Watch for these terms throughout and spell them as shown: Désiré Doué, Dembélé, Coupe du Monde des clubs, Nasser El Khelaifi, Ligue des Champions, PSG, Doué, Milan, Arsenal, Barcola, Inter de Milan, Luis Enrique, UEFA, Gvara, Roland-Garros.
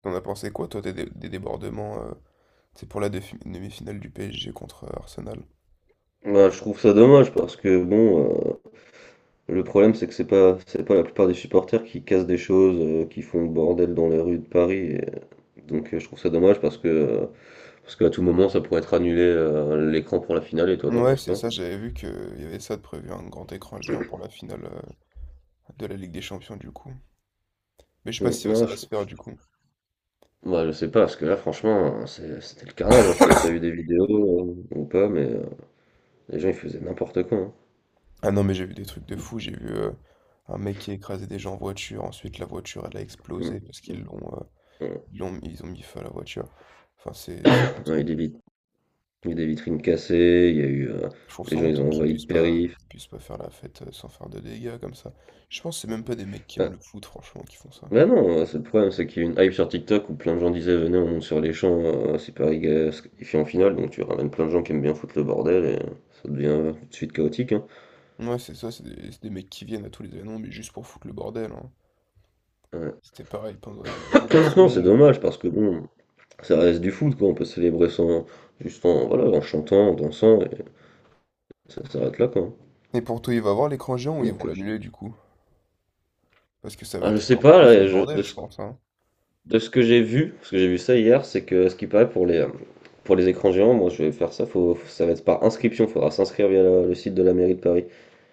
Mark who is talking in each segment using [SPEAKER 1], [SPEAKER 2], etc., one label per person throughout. [SPEAKER 1] T'en as pensé quoi, toi, des débordements, c'est pour la demi-finale du PSG contre Arsenal?
[SPEAKER 2] Bah, je trouve ça dommage parce que bon, le problème c'est que c'est pas la plupart des supporters qui cassent des choses, qui font le bordel dans les rues de Paris. Et, donc je trouve ça dommage parce que parce qu'à tout moment ça pourrait être annulé l'écran pour la finale. Et toi, t'en
[SPEAKER 1] Ouais,
[SPEAKER 2] penses
[SPEAKER 1] c'est
[SPEAKER 2] quoi?
[SPEAKER 1] ça, j'avais vu qu'il y avait ça de prévu, un grand écran géant pour la finale de la Ligue des Champions, du coup. Mais je sais pas
[SPEAKER 2] Mm,
[SPEAKER 1] si ça
[SPEAKER 2] ouais,
[SPEAKER 1] va se faire, du coup.
[SPEAKER 2] bah, je sais pas parce que là franchement hein, c'était le carnage, hein. Je sais pas si t'as vu des vidéos ou pas, mais les gens ils faisaient n'importe quoi, hein.
[SPEAKER 1] Ah non, mais j'ai vu des trucs de fou, j'ai vu un mec qui a écrasé des gens en voiture, ensuite la voiture, elle a
[SPEAKER 2] Mm,
[SPEAKER 1] explosé parce
[SPEAKER 2] mm,
[SPEAKER 1] qu'
[SPEAKER 2] mm.
[SPEAKER 1] ils ont mis feu à la voiture. Enfin, c'est
[SPEAKER 2] Ouais,
[SPEAKER 1] honteux.
[SPEAKER 2] il y a des vitrines cassées, il y a eu
[SPEAKER 1] Je trouve
[SPEAKER 2] les
[SPEAKER 1] ça
[SPEAKER 2] gens ils
[SPEAKER 1] honteux
[SPEAKER 2] ont envahi le périph.
[SPEAKER 1] qu'ils puissent pas faire la fête sans faire de dégâts comme ça. Je pense que c'est même pas des mecs qui
[SPEAKER 2] Euh,
[SPEAKER 1] aiment le foot, franchement, qui font ça.
[SPEAKER 2] Ouais, non, c'est le problème, c'est qu'il y a une hype sur TikTok où plein de gens disaient venez, on monte sur les champs, c'est Paris se qualifie en finale, donc tu ramènes plein de gens qui aiment bien foutre le bordel et ça devient tout de suite chaotique, hein.
[SPEAKER 1] Ouais, c'est ça, c'est des mecs qui viennent à tous les événements, mais juste pour foutre le bordel, hein.
[SPEAKER 2] Ouais.
[SPEAKER 1] C'était pareil pendant les
[SPEAKER 2] Non, c'est
[SPEAKER 1] élections.
[SPEAKER 2] dommage parce que bon, ça reste du foot quoi, on peut célébrer sans, juste en, voilà, en chantant, en dansant, et ça s'arrête là quoi.
[SPEAKER 1] Et pour toi, il va avoir l'écran géant ou ils
[SPEAKER 2] Donc,
[SPEAKER 1] vont
[SPEAKER 2] euh, je...
[SPEAKER 1] l'annuler du coup? Parce que ça va
[SPEAKER 2] Ah, je
[SPEAKER 1] être
[SPEAKER 2] sais
[SPEAKER 1] encore
[SPEAKER 2] pas,
[SPEAKER 1] plus le
[SPEAKER 2] de
[SPEAKER 1] bordel, je
[SPEAKER 2] ce,
[SPEAKER 1] pense, hein.
[SPEAKER 2] de ce que j'ai vu, parce que j'ai vu ça hier, c'est que ce qui paraît pour les écrans géants, moi je vais faire ça, ça va être par inscription, faudra s'inscrire via le site de la mairie de Paris.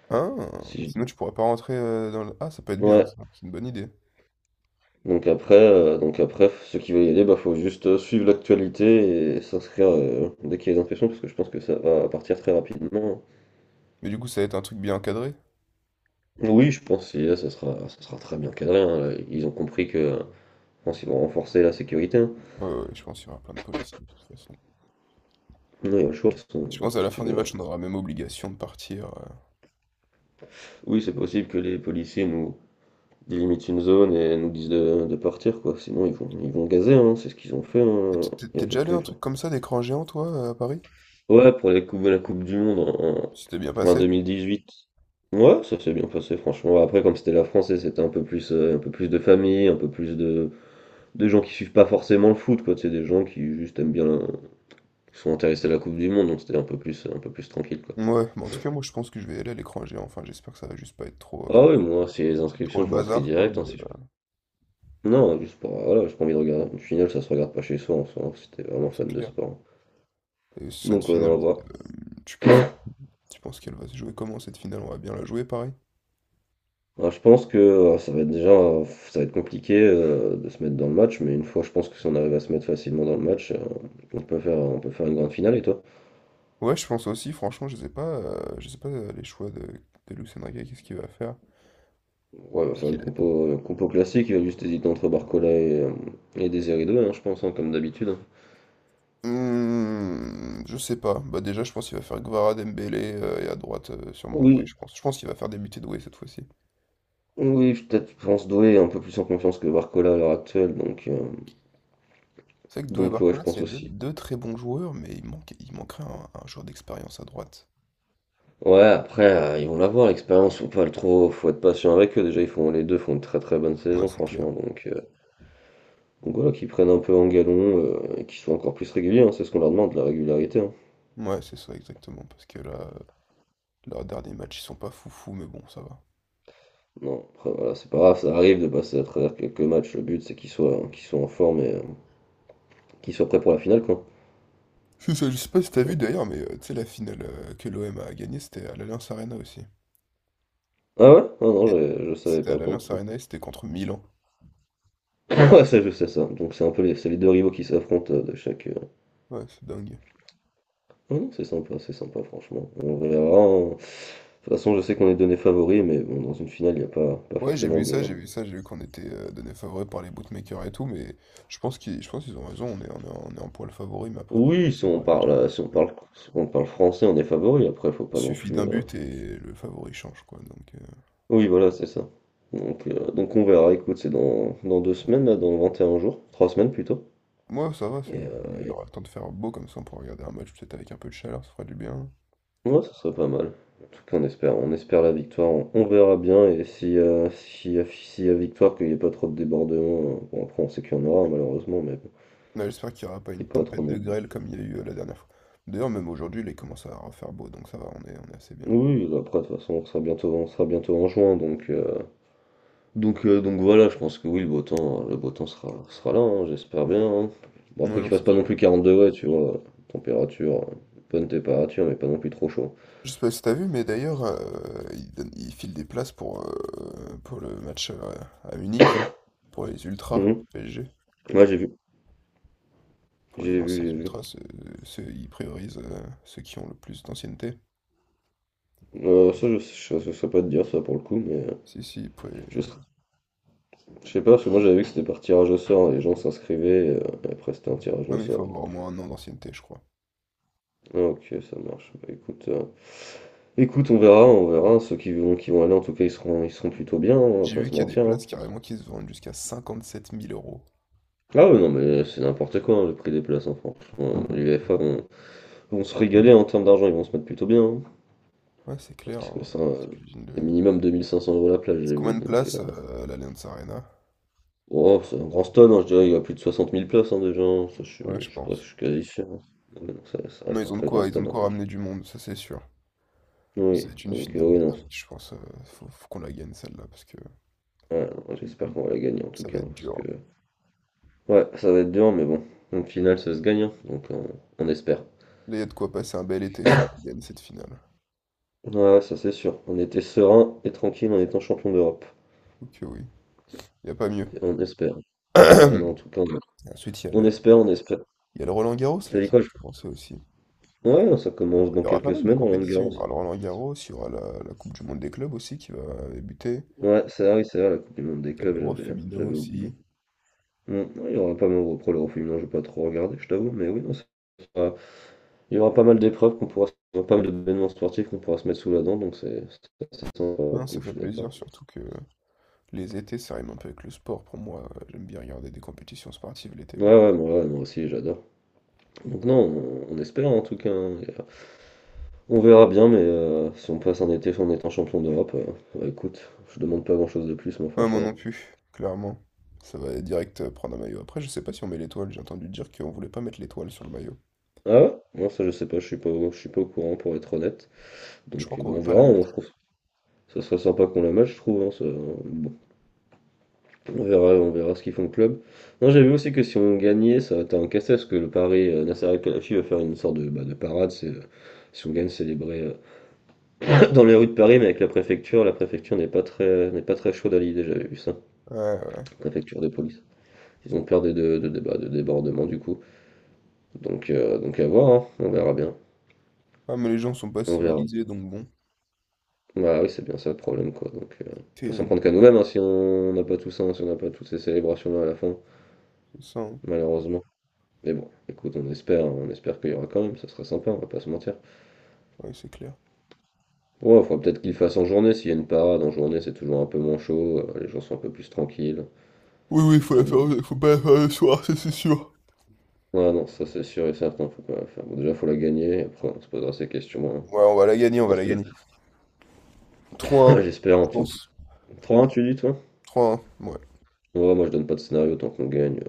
[SPEAKER 1] Ah,
[SPEAKER 2] Si je dis.
[SPEAKER 1] sinon tu pourras pas rentrer dans le. Ah, ça peut être bien,
[SPEAKER 2] Ouais.
[SPEAKER 1] ça, c'est une bonne idée.
[SPEAKER 2] Donc après, ceux qui veulent y aller, bah faut juste suivre l'actualité et s'inscrire dès qu'il y a des inscriptions, parce que je pense que ça va partir très rapidement.
[SPEAKER 1] Mais du coup, ça va être un truc bien encadré.
[SPEAKER 2] Oui, je pense que là, ça sera très bien cadré, hein, là. Ils ont compris que je pense qu'ils vont renforcer la sécurité, hein.
[SPEAKER 1] Ouais, ouais, ouais, je pense qu'il y aura plein de policiers, de toute façon.
[SPEAKER 2] Non, il y a le choix, de toute façon,
[SPEAKER 1] Je pense à
[SPEAKER 2] si
[SPEAKER 1] la
[SPEAKER 2] tu
[SPEAKER 1] fin du
[SPEAKER 2] veux.
[SPEAKER 1] match, on aura même obligation de partir.
[SPEAKER 2] Oui, c'est possible que les policiers nous délimitent une zone et nous disent de partir, quoi. Sinon, ils vont gazer, hein. C'est ce qu'ils ont fait
[SPEAKER 1] T'es
[SPEAKER 2] hein,
[SPEAKER 1] t'es-
[SPEAKER 2] il y
[SPEAKER 1] t'es
[SPEAKER 2] a
[SPEAKER 1] déjà allé à
[SPEAKER 2] quelques
[SPEAKER 1] un
[SPEAKER 2] jours.
[SPEAKER 1] truc comme ça, d'écran géant, toi, à Paris?
[SPEAKER 2] Ouais, pour la Coupe du Monde en,
[SPEAKER 1] C'était bien
[SPEAKER 2] en- en
[SPEAKER 1] passé?
[SPEAKER 2] 2018. Ouais, ça s'est bien passé, franchement. Après, comme c'était la France, et c'était un peu plus de famille, un peu plus de gens qui suivent pas forcément le foot, quoi. C'est des gens qui juste aiment bien, qui sont intéressés à la Coupe du Monde, donc c'était un peu plus tranquille, quoi.
[SPEAKER 1] Ouais, mais en tout cas, moi, je pense que je vais aller à l'écran géant. Enfin, j'espère que ça va juste pas être
[SPEAKER 2] Ah oui, moi, si les
[SPEAKER 1] trop
[SPEAKER 2] inscriptions,
[SPEAKER 1] le
[SPEAKER 2] je m'inscris
[SPEAKER 1] bazar, quoi.
[SPEAKER 2] direct, hein,
[SPEAKER 1] Mais,
[SPEAKER 2] si je- non, juste pour, voilà, j'ai pas envie de regarder. Au final, ça se regarde pas chez soi, en soi, hein, si t'es vraiment
[SPEAKER 1] non, c'est
[SPEAKER 2] fan de
[SPEAKER 1] clair.
[SPEAKER 2] sport.
[SPEAKER 1] Et cette
[SPEAKER 2] Donc, ouais, non,
[SPEAKER 1] finale,
[SPEAKER 2] à voir.
[SPEAKER 1] tu penses, tu penses qu'elle va se jouer comment cette finale? On va bien la jouer, pareil.
[SPEAKER 2] Alors, je pense que ça va être déjà ça va être compliqué de se mettre dans le match, mais une fois je pense que si on arrive à se mettre facilement dans le match, on peut faire une grande finale. Et toi?
[SPEAKER 1] Ouais, je pense aussi, franchement, je sais pas, les choix de Luis Enrique, qu'est-ce qu'il va faire?
[SPEAKER 2] Ouais, on va
[SPEAKER 1] Parce
[SPEAKER 2] faire
[SPEAKER 1] qu'il est-
[SPEAKER 2] une compo classique, il va juste hésiter entre Barcola et Désiré Doué, hein, je pense, hein, comme d'habitude, hein.
[SPEAKER 1] Hmm, je sais pas. Bah déjà, je pense qu'il va faire Gvara, Dembélé et à droite sûrement Doué,
[SPEAKER 2] Oui,
[SPEAKER 1] je pense. Je pense qu'il va faire débuter Doué cette fois-ci.
[SPEAKER 2] oui, peut-être je pense Doué est un peu plus en confiance que Barcola à l'heure actuelle, donc euh,
[SPEAKER 1] C'est vrai que Doué et
[SPEAKER 2] donc ouais je
[SPEAKER 1] Barcola,
[SPEAKER 2] pense
[SPEAKER 1] c'est deux,
[SPEAKER 2] aussi.
[SPEAKER 1] deux très bons joueurs, mais il manque, il manquerait un joueur d'expérience à droite.
[SPEAKER 2] Ouais, après ils vont l'avoir l'expérience, faut pas le trop, faut être patient avec eux. Déjà ils font les deux font une très très bonne
[SPEAKER 1] Ouais,
[SPEAKER 2] saison
[SPEAKER 1] c'est clair.
[SPEAKER 2] franchement, donc voilà, qu'ils prennent un peu en galon, et qu'ils soient encore plus réguliers, hein, c'est ce qu'on leur demande, la régularité, hein.
[SPEAKER 1] Ouais, c'est ça exactement, parce que là, leurs derniers matchs, ils sont pas foufou, mais bon, ça va.
[SPEAKER 2] Non, après voilà, c'est pas grave, ça arrive de passer à travers quelques matchs, le but c'est qu'ils soient en forme et qu'ils soient prêts pour la finale, quoi.
[SPEAKER 1] C'est ça, je sais pas si t'as vu
[SPEAKER 2] Donc-
[SPEAKER 1] d'ailleurs, mais tu sais, la finale que l'OM a gagnée, c'était à l'Allianz Arena aussi.
[SPEAKER 2] Ah ouais? Ah non,
[SPEAKER 1] Et
[SPEAKER 2] je savais
[SPEAKER 1] c'était à
[SPEAKER 2] pas pour le
[SPEAKER 1] l'Allianz
[SPEAKER 2] coup.
[SPEAKER 1] Arena et c'était contre Milan.
[SPEAKER 2] Ouais, ça je sais ça. Donc c'est un peu les, c'est les deux rivaux qui s'affrontent de chaque...
[SPEAKER 1] Ouais, c'est dingue.
[SPEAKER 2] Ah non, c'est sympa franchement. On verra, hein. De toute façon, je sais qu'on est donné favori, mais bon, dans une finale, il n'y a pas, pas
[SPEAKER 1] Ouais, j'ai
[SPEAKER 2] forcément
[SPEAKER 1] vu
[SPEAKER 2] de...
[SPEAKER 1] ça, j'ai vu ça, j'ai vu qu'on était donné favori par les bookmakers et tout, mais je pense qu'ils ont raison, on est en poil favori, mais après le
[SPEAKER 2] Oui,
[SPEAKER 1] foot,
[SPEAKER 2] si
[SPEAKER 1] ça va
[SPEAKER 2] on
[SPEAKER 1] rien dire
[SPEAKER 2] parle,
[SPEAKER 1] de foot,
[SPEAKER 2] si on
[SPEAKER 1] hein.
[SPEAKER 2] parle, si on parle français, on est favori. Après, faut
[SPEAKER 1] Il
[SPEAKER 2] pas non
[SPEAKER 1] suffit
[SPEAKER 2] plus...
[SPEAKER 1] d'un but et le favori change, quoi. Donc,
[SPEAKER 2] Oui, voilà, c'est ça. Donc on verra, écoute, c'est dans, dans 2 semaines, là, dans 21 jours, 3 semaines plutôt.
[SPEAKER 1] moi, ça va,
[SPEAKER 2] Et
[SPEAKER 1] il aura le temps de faire beau comme ça, on pourra regarder un match peut-être avec un peu de chaleur, ça fera du bien.
[SPEAKER 2] ouais, ça serait pas mal. En tout cas, on espère la victoire, on verra bien. Et si, si y a victoire, qu'il n'y ait pas trop de débordements, bon, après, on sait qu'il y en aura, malheureusement, mais bon,
[SPEAKER 1] Non, j'espère qu'il n'y aura pas
[SPEAKER 2] qu'il
[SPEAKER 1] une
[SPEAKER 2] n'y ait pas trop
[SPEAKER 1] tempête de
[SPEAKER 2] de.
[SPEAKER 1] grêle comme il y a eu la dernière fois. D'ailleurs, même aujourd'hui, il commence à refaire beau, donc ça va, on est assez bien là.
[SPEAKER 2] Oui, après, de toute façon, on sera bientôt en juin, donc. Donc voilà, je pense que oui, le beau temps sera là, hein, j'espère bien, hein. Bon
[SPEAKER 1] Oui,
[SPEAKER 2] après qu'il
[SPEAKER 1] non,
[SPEAKER 2] fasse
[SPEAKER 1] c'est
[SPEAKER 2] pas non
[SPEAKER 1] sûr.
[SPEAKER 2] plus 40 degrés, tu vois? Température, bonne température, mais pas non plus trop chaud.
[SPEAKER 1] Je sais pas si t'as vu, mais d'ailleurs, il file des places pour, le match à Munich, pour les ultras
[SPEAKER 2] Mmh.
[SPEAKER 1] PSG.
[SPEAKER 2] Ouais, j'ai vu,
[SPEAKER 1] Pour les
[SPEAKER 2] j'ai vu,
[SPEAKER 1] anciens
[SPEAKER 2] j'ai vu.
[SPEAKER 1] ultras, ils priorisent ceux qui ont le plus d'ancienneté.
[SPEAKER 2] Ça je saurais pas te dire ça pour le coup, mais
[SPEAKER 1] Si, si,
[SPEAKER 2] je sais
[SPEAKER 1] ouais.
[SPEAKER 2] je sais pas, parce que moi j'avais vu que c'était par tirage au sort, les gens s'inscrivaient, et après c'était un tirage
[SPEAKER 1] Ouais,
[SPEAKER 2] au
[SPEAKER 1] mais il
[SPEAKER 2] sort,
[SPEAKER 1] faut avoir
[SPEAKER 2] donc
[SPEAKER 1] au moins un an d'ancienneté, je crois.
[SPEAKER 2] ah OK, ça marche. Bah écoute on verra, ceux qui vont aller en tout cas, ils seront plutôt bien, hein, on va
[SPEAKER 1] J'ai
[SPEAKER 2] pas
[SPEAKER 1] vu
[SPEAKER 2] se
[SPEAKER 1] qu'il y a des
[SPEAKER 2] mentir, hein.
[SPEAKER 1] places carrément qui se vendent jusqu'à cinquante sept mille euros.
[SPEAKER 2] Ah ouais, non mais c'est n'importe quoi hein, le prix des places hein, franchement. L'UEFA vont se régaler en termes d'argent, ils vont se mettre plutôt bien, hein.
[SPEAKER 1] Ouais, c'est clair,
[SPEAKER 2] Parce que
[SPEAKER 1] hein.
[SPEAKER 2] ça,
[SPEAKER 1] T'imagines
[SPEAKER 2] c'est
[SPEAKER 1] le.
[SPEAKER 2] minimum 2 500 euros la place,
[SPEAKER 1] C'est
[SPEAKER 2] j'ai
[SPEAKER 1] combien
[SPEAKER 2] vu.
[SPEAKER 1] de
[SPEAKER 2] Donc,
[SPEAKER 1] places, l'Allianz Arena?
[SPEAKER 2] oh, c'est un grand stade, hein, je dirais, il y a plus de 60 000 places hein, déjà, hein. Ça,
[SPEAKER 1] Ouais, je
[SPEAKER 2] je
[SPEAKER 1] pense.
[SPEAKER 2] suis quasi sûr, hein. Ouais, non, ça
[SPEAKER 1] Non,
[SPEAKER 2] reste un
[SPEAKER 1] ils ont de
[SPEAKER 2] très grand
[SPEAKER 1] quoi, ils ont de
[SPEAKER 2] stade, hein,
[SPEAKER 1] quoi
[SPEAKER 2] franchement.
[SPEAKER 1] ramener du monde, ça c'est sûr.
[SPEAKER 2] Oui,
[SPEAKER 1] Ça va être une
[SPEAKER 2] donc
[SPEAKER 1] finale de
[SPEAKER 2] oui, non,
[SPEAKER 1] dingue, je pense. Faut qu'on la gagne celle-là, parce que
[SPEAKER 2] ouais, non, j'espère qu'on va la gagner en tout
[SPEAKER 1] ça va
[SPEAKER 2] cas, hein.
[SPEAKER 1] être
[SPEAKER 2] Parce que,
[SPEAKER 1] dur.
[SPEAKER 2] ouais, ça va être dur, mais bon, en finale, ça se gagne, hein, donc on espère.
[SPEAKER 1] Là, il y a de quoi passer un bel été si on gagne cette finale.
[SPEAKER 2] Ouais, ça c'est sûr. On était serein et tranquille en étant champion d'Europe.
[SPEAKER 1] Ok, oui. Il n'y a pas mieux.
[SPEAKER 2] On espère. Ouais, non, en tout cas,
[SPEAKER 1] Et ensuite, il y a
[SPEAKER 2] on
[SPEAKER 1] le,
[SPEAKER 2] espère, on espère.
[SPEAKER 1] il y a le Roland-Garros là
[SPEAKER 2] T'as dit
[SPEAKER 1] qui
[SPEAKER 2] quoi?
[SPEAKER 1] va commencer aussi.
[SPEAKER 2] Ouais, ça commence dans
[SPEAKER 1] Il y aura pas
[SPEAKER 2] quelques
[SPEAKER 1] mal de
[SPEAKER 2] semaines,
[SPEAKER 1] compétitions. Il
[SPEAKER 2] Roland-Garros.
[SPEAKER 1] y aura le Roland-Garros, il y aura la Coupe du Monde des clubs aussi qui va débuter.
[SPEAKER 2] Ouais, c'est vrai, oui, c'est vrai, la Coupe du Monde des
[SPEAKER 1] Il y a
[SPEAKER 2] clubs,
[SPEAKER 1] l'Euro
[SPEAKER 2] j'avais hein,
[SPEAKER 1] féminin
[SPEAKER 2] j'avais oublié.
[SPEAKER 1] aussi.
[SPEAKER 2] Bon, ouais, il y aura pas mal de après le féminin, j'ai pas trop regardé, je t'avoue, mais oui, non, sera- il y aura pas mal d'épreuves pas mal d'événements sportifs qu'on pourra se mettre sous la dent, donc c'est sympa pour le
[SPEAKER 1] Ah, ça
[SPEAKER 2] coup, je
[SPEAKER 1] fait
[SPEAKER 2] suis
[SPEAKER 1] plaisir,
[SPEAKER 2] d'accord.
[SPEAKER 1] surtout que les étés, ça rime un peu avec le sport pour moi. J'aime bien regarder des compétitions sportives l'été,
[SPEAKER 2] Ouais,
[SPEAKER 1] moi.
[SPEAKER 2] ouais, moi aussi, j'adore. Donc non, on espère en tout cas, hein, et, on verra bien, mais si on passe un été en étant champion d'Europe, bah, écoute, je demande pas grand-chose de plus, moi,
[SPEAKER 1] Ouais, moi
[SPEAKER 2] franchement.
[SPEAKER 1] non plus, clairement. Ça va direct prendre un maillot. Après, je sais pas si on met l'étoile. J'ai entendu dire qu'on voulait pas mettre l'étoile sur le maillot.
[SPEAKER 2] Ah ouais? Non, ça je sais pas, je suis pas, je suis pas au courant pour être honnête.
[SPEAKER 1] Je crois
[SPEAKER 2] Donc
[SPEAKER 1] qu'on
[SPEAKER 2] bon, on
[SPEAKER 1] veut pas
[SPEAKER 2] verra,
[SPEAKER 1] la
[SPEAKER 2] hein, je
[SPEAKER 1] mettre.
[SPEAKER 2] trouve. Ça serait sympa qu'on la match, je trouve, hein. Bon, on verra ce qu'ils font au club. Non, j'ai vu aussi que si on gagnait, ça va être un casse parce que le Paris, Nasser El Khelaifi va faire une sorte de, bah, de parade. C'est, si on gagne, célébrer dans les rues de Paris, mais avec la préfecture. La préfecture n'est pas très chaude à l'idée, j'avais vu ça.
[SPEAKER 1] Ouais, ouais. Ouais.
[SPEAKER 2] Préfecture de police. Ils ont peur des de- bah, de débordements du coup. Donc à voir, hein, on verra bien.
[SPEAKER 1] Ah, mais les gens sont pas
[SPEAKER 2] On verra.
[SPEAKER 1] civilisés, donc bon.
[SPEAKER 2] Bah oui, c'est bien ça le problème quoi. Donc, faut s'en prendre qu'à
[SPEAKER 1] Terrible,
[SPEAKER 2] nous-mêmes hein, si on n'a pas tout ça, hein, si on n'a pas toutes ces célébrations-là à la fin,
[SPEAKER 1] c'est ça, hein.
[SPEAKER 2] malheureusement. Mais bon, écoute, on espère qu'il y aura quand même, ça serait sympa, on va pas se mentir.
[SPEAKER 1] Ouais, c'est clair.
[SPEAKER 2] Ouais, faudra peut-être qu'il fasse en journée, s'il y a une parade en journée, c'est toujours un peu moins chaud, les gens sont un peu plus tranquilles.
[SPEAKER 1] Oui, oui, faut la
[SPEAKER 2] Donc bon.
[SPEAKER 1] faire, faut pas la faire le soir, ça c'est sûr.
[SPEAKER 2] Ouais, non, ça c'est sûr et certain, faut pas la faire. Bon, déjà, faut la gagner, et après on se posera ces questions, hein.
[SPEAKER 1] Ouais, on va la gagner, on va
[SPEAKER 2] On se
[SPEAKER 1] la
[SPEAKER 2] pose-
[SPEAKER 1] gagner. Trois 1
[SPEAKER 2] J'espère en
[SPEAKER 1] je
[SPEAKER 2] tout.
[SPEAKER 1] pense.
[SPEAKER 2] 3-1, tu dis toi?
[SPEAKER 1] Trois 1 ouais.
[SPEAKER 2] Ouais, moi je donne pas de scénario tant qu'on gagne.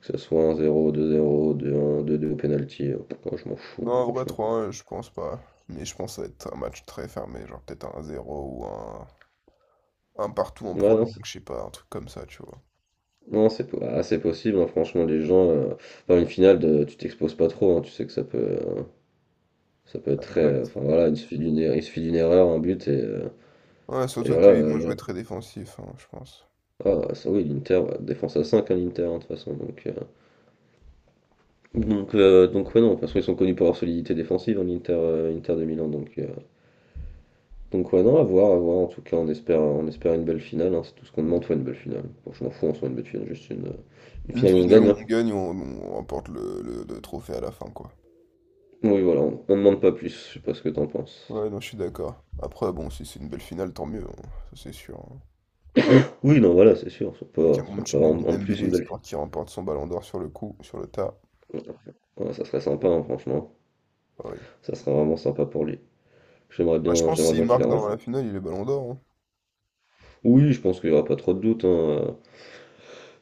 [SPEAKER 2] Que ce soit un zéro deux zéro deux un deux deux au penalty, oh, je m'en fous,
[SPEAKER 1] Non,
[SPEAKER 2] hein,
[SPEAKER 1] en vrai,
[SPEAKER 2] franchement.
[SPEAKER 1] trois 1 je pense pas. Mais je pense que ça va être un match très fermé, genre peut-être un zéro ou un partout en
[SPEAKER 2] Ouais, non, c'est
[SPEAKER 1] prolongue, je sais pas, un truc comme ça, tu vois.
[SPEAKER 2] non, ah, c'est possible, hein, franchement, les gens. Enfin, une finale, de, tu t'exposes pas trop, hein, tu sais que ça peut être
[SPEAKER 1] Ouais,
[SPEAKER 2] très.
[SPEAKER 1] exact.
[SPEAKER 2] Enfin, voilà, il suffit d'une erreur, un but,
[SPEAKER 1] Ouais,
[SPEAKER 2] et
[SPEAKER 1] surtout
[SPEAKER 2] voilà.
[SPEAKER 1] qu'ils vont jouer très défensif, hein, je pense.
[SPEAKER 2] Ah, ça, oui, l'Inter, ouais, défense à 5 hein, l'Inter, hein, de toute façon. Donc, ouais, non, parce qu'ils sont connus pour leur solidité défensive, hein, l'Inter Inter de Milan, donc. Donc ouais, non, à voir, à voir. En tout cas, on espère une belle finale, hein. C'est tout ce qu'on demande, soit une belle finale. Bon, je m'en fous, on soit une belle finale, juste une
[SPEAKER 1] Une
[SPEAKER 2] finale où on
[SPEAKER 1] finale
[SPEAKER 2] gagne,
[SPEAKER 1] où
[SPEAKER 2] hein.
[SPEAKER 1] on gagne, on remporte le trophée à la fin, quoi.
[SPEAKER 2] Oui, voilà, on demande pas plus. Je sais pas ce que t'en penses.
[SPEAKER 1] Ouais, non, je suis d'accord. Après, bon, si c'est une belle finale, tant mieux, hein, ça c'est sûr, hein.
[SPEAKER 2] Oui, non, voilà, c'est sûr. Si on
[SPEAKER 1] Avec
[SPEAKER 2] peut,
[SPEAKER 1] un bon
[SPEAKER 2] si on
[SPEAKER 1] petit
[SPEAKER 2] peut avoir
[SPEAKER 1] but
[SPEAKER 2] en,
[SPEAKER 1] de
[SPEAKER 2] en plus
[SPEAKER 1] Dembélé,
[SPEAKER 2] une belle
[SPEAKER 1] histoire qu'il remporte son ballon d'or sur le coup, sur le tas.
[SPEAKER 2] finale, ouais, ça serait sympa, hein, franchement.
[SPEAKER 1] Ah oui.
[SPEAKER 2] Ça serait vraiment sympa pour lui.
[SPEAKER 1] Ouais, je pense que
[SPEAKER 2] J'aimerais
[SPEAKER 1] s'il
[SPEAKER 2] bien qu'il
[SPEAKER 1] marque
[SPEAKER 2] la
[SPEAKER 1] dans
[SPEAKER 2] rentre.
[SPEAKER 1] la finale, il est ballon d'or, hein.
[SPEAKER 2] Oui, je pense qu'il n'y aura pas trop de doute, hein.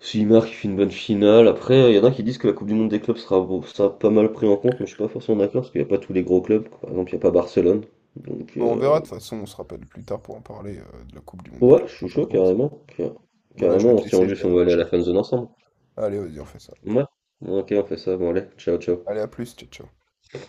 [SPEAKER 2] S'il marque, il fait une bonne finale. Après, il y en a qui disent que la Coupe du Monde des clubs sera pas mal pris en compte, mais je suis pas forcément d'accord parce qu'il n'y a pas tous les gros clubs. Par exemple, il n'y a pas Barcelone. Donc,
[SPEAKER 1] Bon, on verra, de toute façon, on se rappelle plus tard pour en parler de la Coupe du Monde des
[SPEAKER 2] ouais,
[SPEAKER 1] clubs
[SPEAKER 2] je
[SPEAKER 1] quand
[SPEAKER 2] suis
[SPEAKER 1] ça
[SPEAKER 2] chaud
[SPEAKER 1] commence.
[SPEAKER 2] carrément.
[SPEAKER 1] Voilà, je
[SPEAKER 2] Carrément,
[SPEAKER 1] vais te
[SPEAKER 2] on se tient au
[SPEAKER 1] laisser, je
[SPEAKER 2] jus
[SPEAKER 1] vais
[SPEAKER 2] si
[SPEAKER 1] aller
[SPEAKER 2] on veut aller à
[SPEAKER 1] manger.
[SPEAKER 2] la fan zone ensemble.
[SPEAKER 1] Allez, vas-y, on fait ça.
[SPEAKER 2] Ouais. Ok, on fait ça. Bon, allez, ciao, ciao.
[SPEAKER 1] Allez, à plus, ciao, ciao.